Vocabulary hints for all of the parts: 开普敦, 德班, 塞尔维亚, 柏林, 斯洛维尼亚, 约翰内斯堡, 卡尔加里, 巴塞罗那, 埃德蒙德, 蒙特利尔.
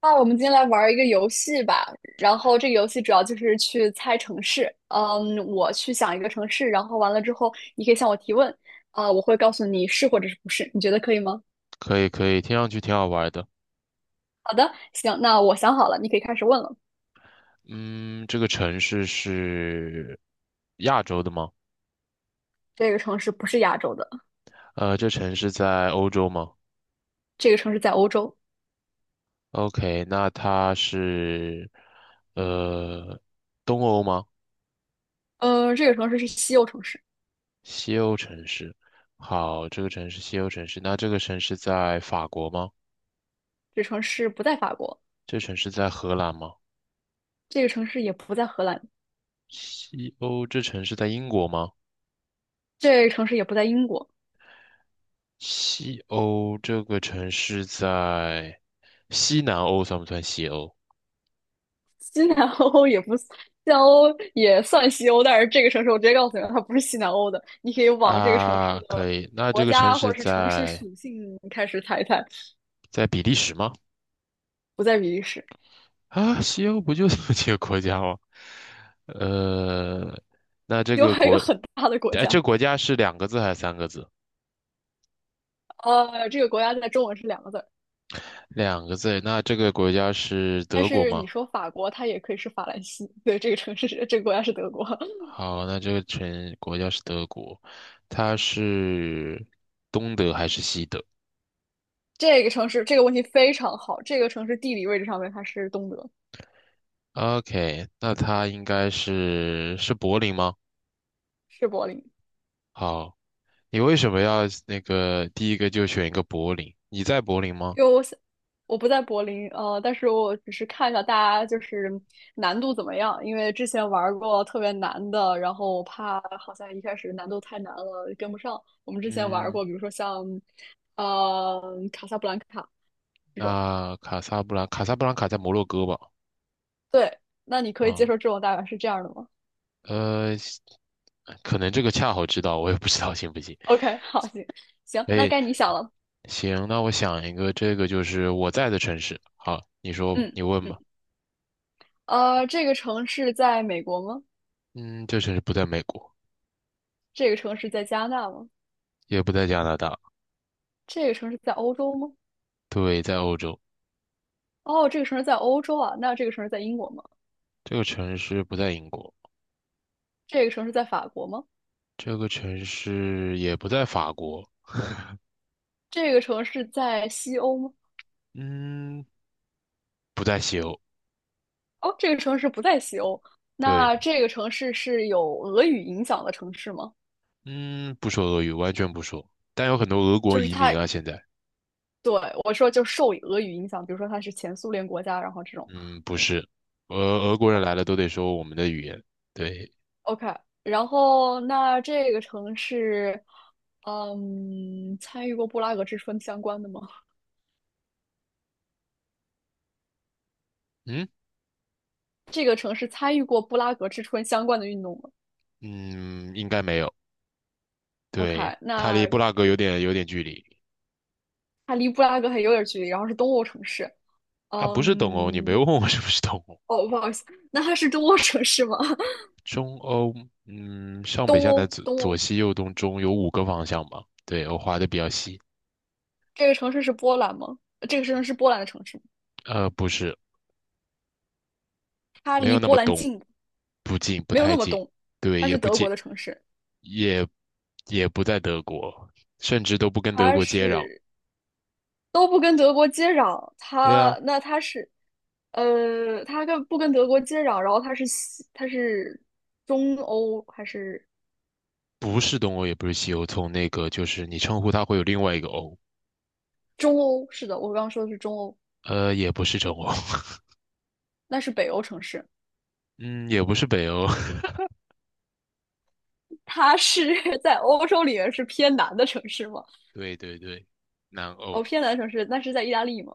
那我们今天来玩儿一个游戏吧，然后这个游戏主要就是去猜城市。嗯，我去想一个城市，然后完了之后，你可以向我提问，我会告诉你是或者是不是，你觉得可以吗？可以可以，听上去挺好玩的。好的，行，那我想好了，你可以开始问了。嗯，这个城市是亚洲的吗？这个城市不是亚洲的，这城市在欧洲吗这个城市在欧洲。？OK，那它是呃东欧吗？嗯，这个城市是西欧城市，西欧城市。好，这个城市西欧城市，那这个城市在法国吗？这个城市不在法国，这城市在荷兰吗？这个城市也不在荷兰，西欧这城市在英国吗？这个城市也不在英国，西欧这个城市在西南欧算不算西欧？西南欧也不，西南欧也算西欧，但是这个城市我直接告诉你了它不是西南欧的。你可以往这个城市啊，的可以。那这国个城家或市者是城市在属性开始猜一猜。比利时吗？不在比利时，啊，西欧不就这么几个国家吗？呃，那这另个还有一国，个很大的国哎，这家。个国家是两个字还是三个字？这个国家在中文是两个字儿，两个字。那这个国家是但德国是吗？你说法国，它也可以是法兰西。对，这个城市是这个国家是德国，好，那这个城国家是德国，它是东德还是西德这个城市这个问题非常好，这个城市地理位置上面它是东德，？OK，那它应该是是柏林吗？是柏林。好。你为什么要那个第一个就选一个柏林？你在柏林吗？因为我想我不在柏林，但是我只是看一下大家就是难度怎么样，因为之前玩过特别难的，然后我怕好像一开始难度太难了跟不上。我们之前玩嗯，过，比如说像呃卡萨布兰卡这种。那卡萨布兰，卡萨布兰卡在摩洛哥吧？对，那你可以接啊，受这种大概是这样的吗呃，可能这个恰好知道，我也不知道行不行。？OK，好，行，可那以，该你想了。行，那我想一个，这个就是我在的城市。好，你说吧，嗯你问嗯，吧。这个城市在美国吗？嗯，这城市不在美国，这个城市在加拿大吗？也不在加拿大，这个城市在欧洲吗？对，在欧洲。哦，这个城市在欧洲啊，那这个城市在英国吗？这个城市不在英国，这个城市在法国吗？这个城市也不在法国，这个城市在西欧吗？嗯，不在西欧，哦，这个城市不在西欧。那对。这个城市是有俄语影响的城市吗？嗯，不说俄语，完全不说。但有很多俄国就是移民它，啊，现在，对，我说就受俄语影响，比如说它是前苏联国家，然后这种。嗯，不是，俄国人来了都得说我们的语言。对，OK，然后那这个城市，嗯，参与过布拉格之春相关的吗？嗯这个城市参与过布拉格之春相关的运动吗嗯，应该没有。对，？OK，它离那布拉格有点距离它离布拉格还有点距离，然后是东欧城市。啊，不是东欧，你没嗯，有问我 是不是东欧。哦，不好意思，那它是东欧城市吗？中欧，嗯，上北东下南欧，东左欧，西右东中有五个方向吧？对，我划的比较细。这个城市是波兰吗？这个城市是波兰的城市吗，不是，它没离有那波么兰东，近，不近，不没有太那么近，东，对，它也是不德国近。的城市，也也不在德国，甚至都不跟德它国接壤。是都不跟德国接壤，对啊，它那它是，呃，它跟不跟德国接壤，然后它是中欧还是不是东欧，也不是西欧，从那个就是你称呼它会有另外一个欧，中欧？是的，我刚刚说的是中欧，也不是中欧，那是北欧城市，嗯，也不是北欧，它是 在欧洲里面是偏南的城市吗？对对对，南欧，哦，偏南城市，那是在意大利吗？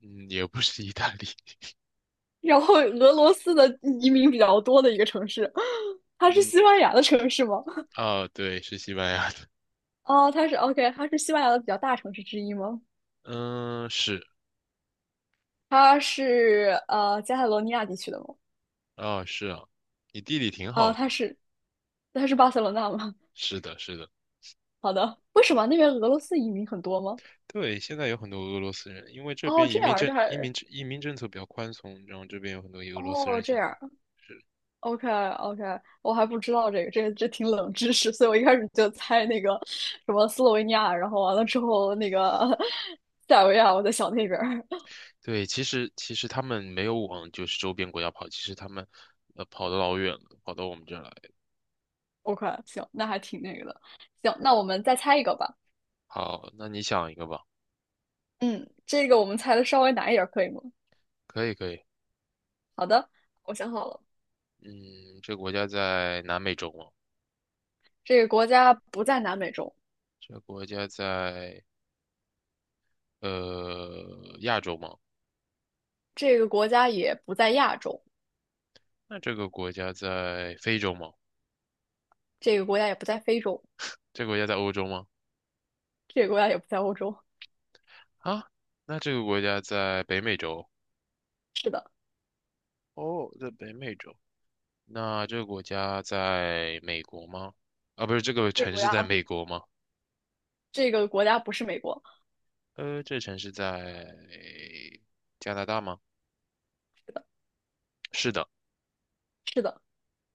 嗯，也不是意大利，然后俄罗斯的移民比较多的一个城市，它是嗯，西班牙的城市吗？啊，对，是西班牙的，哦，它是 OK，它是西班牙的比较大城市之一吗？嗯，是，它是加泰罗尼亚地区的吗？啊，是啊，你地理挺啊，好的，它是巴塞罗那吗？是的，是的。好的，为什么那边俄罗斯移民很多吗？对，现在有很多俄罗斯人，因为这哦，边移这样民儿政这还，移民政策比较宽松，然后这边有很多俄罗斯哦人这现样在。儿 是。OK OK，我还不知道这个，这挺冷知识，所以我一开始就猜那个什么斯洛维尼亚，然后完了之后那个 塞尔维亚，我在想那边儿。对，其实他们没有往就是周边国家跑，其实他们跑得老远了，跑到我们这儿来。OK，行，那还挺那个的。行，那我们再猜一个吧。好，那你想一个吧，嗯，这个我们猜的稍微难一点儿，可以吗？可以可以。好的，我想好了，嗯，这个国家在南美洲吗？这个国家不在南美洲，这个国家在亚洲吗？这个国家也不在亚洲，那这个国家在非洲吗？这个国家也不在非洲，这个国家在欧洲吗？这个国家也不在欧洲。啊，那这个国家在北美洲。是的，哦，在北美洲。那这个国家在美国吗？啊，不是，这个这个城国市在家，美国吗？这个国家不是美国。这城市在加拿大吗？是的。是的。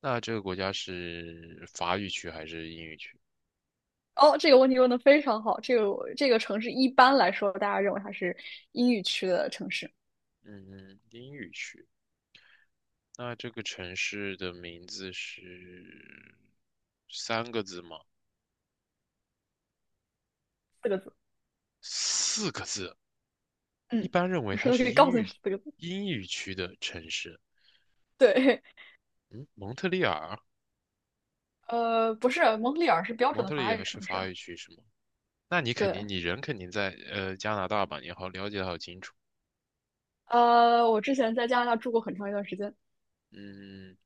那这个国家是法语区还是英语区？哦，这个问题问的非常好。这个城市一般来说，大家认为它是英语区的城市，嗯，英语区。那这个城市的名字是三个字吗？四个字。四个字。一嗯，般认为我它说的可是以英告诉语你是四个字。区的城市。对，嗯，蒙特利尔，不是，蒙特利尔是标准蒙的特利法语尔是城市法啊。语区是吗？那你肯定，对，你人肯定在加拿大吧？你好了解的好清楚。我之前在加拿大住过很长一段时间。嗯，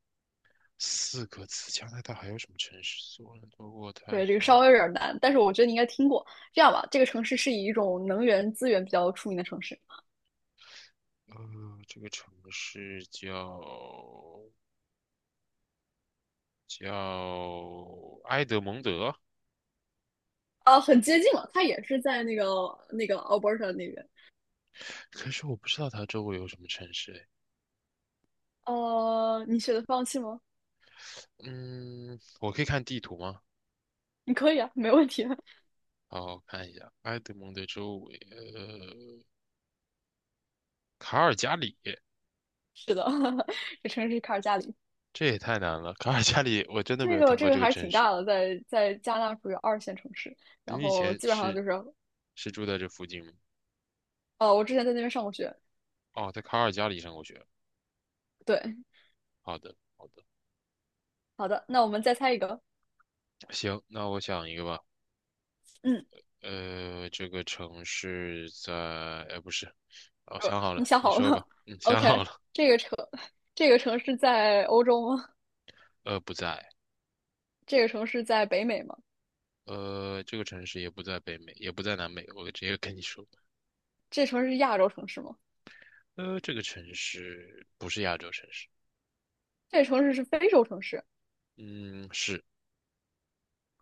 四个字，加拿大还有什么城市？索伦多、渥太对，这个稍华，微有点难，但是我觉得你应该听过。这样吧，这个城市是以一种能源资源比较出名的城市。呃，这个城市叫埃德蒙德，很接近了，它也是在那个 Alberta 那边。可是我不知道它周围有什么城市诶。呃，你选择放弃吗？嗯，我可以看地图吗？你可以啊，没问题啊。好，我看一下埃德蒙德周围，卡尔加里，是的，这城市是卡尔加里，这也太难了。卡尔加里，我真的没这有个听这过个这个还是城挺市。大的，在加拿大属于二线城市，然你以后前基本上是就是，是住在这附近吗？哦，我之前在那边上过学。哦，在卡尔加里上过学。对，好的，好的，好的，那我们再猜一个。行，那我想一个吧。嗯，呃，这个城市在，呃，不是，哦，呃想好你了，想你好了说吗吧。嗯，想？OK，好了。这个城，这个城市在欧洲吗？呃，不在。这个城市在北美吗？这个城市也不在北美，也不在南美。我直接跟你说，这城市是亚洲城市吗？这个城市不是亚洲城市。这个城市是非洲城市嗯，是。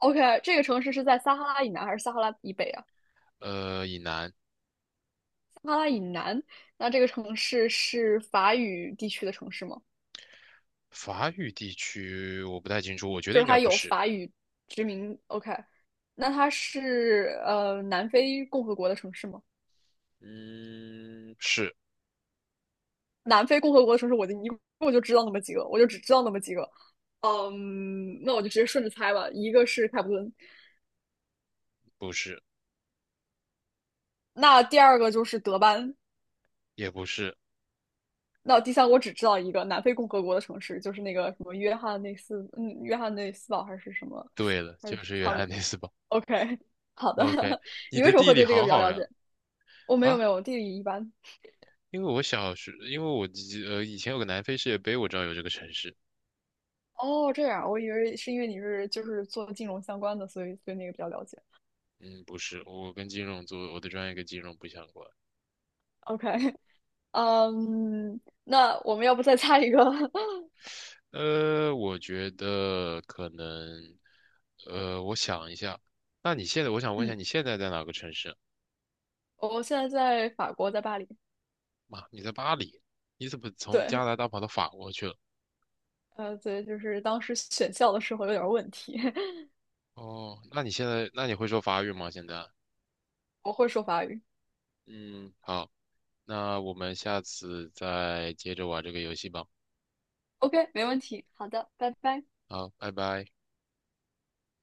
？OK，这个城市是在撒哈拉以南还是撒哈拉以北啊？呃，以南，撒哈拉以南，那这个城市是法语地区的城市吗？法语地区我不太清楚，我觉就得是应该它不有是。法语殖民。OK，那它是南非共和国的城市吗？嗯，是南非共和国的城市，我一共就知道那么几个，我就只知道那么几个。嗯，那我就直接顺着猜吧。一个是开普敦，不是？那第二个就是德班，也不是。那第三个我只知道一个南非共和国的城市，就是那个什么约翰内斯，嗯，约翰内斯堡还是什么，对了，还就是是约差不翰多。内斯堡。OK，好 的。OK，你你为的什么地会理对这个好比较好了呀。解？我没有啊，没有，地理一般。因为我小时，因为我记以前有个南非世界杯，我知道有这个城市。哦，这样，我以为是因为你是就是做金融相关的，所以对那个比较了解。嗯，不是，我跟金融做，我的专业跟金融不相关。OK，嗯，那我们要不再猜一个？呃，我觉得可能，呃，我想一下。那你现在，我想问一下，嗯，你现在在哪个城市？我现在在法国，在巴黎。妈，你在巴黎？你怎么从对，加拿大跑到法国去了？就是当时选校的时候有点儿问题，哦，那你现在，那你会说法语吗？现在？我会说法语。嗯，好，那我们下次再接着玩这个游戏吧。OK，没问题。好的，拜拜。好，拜拜。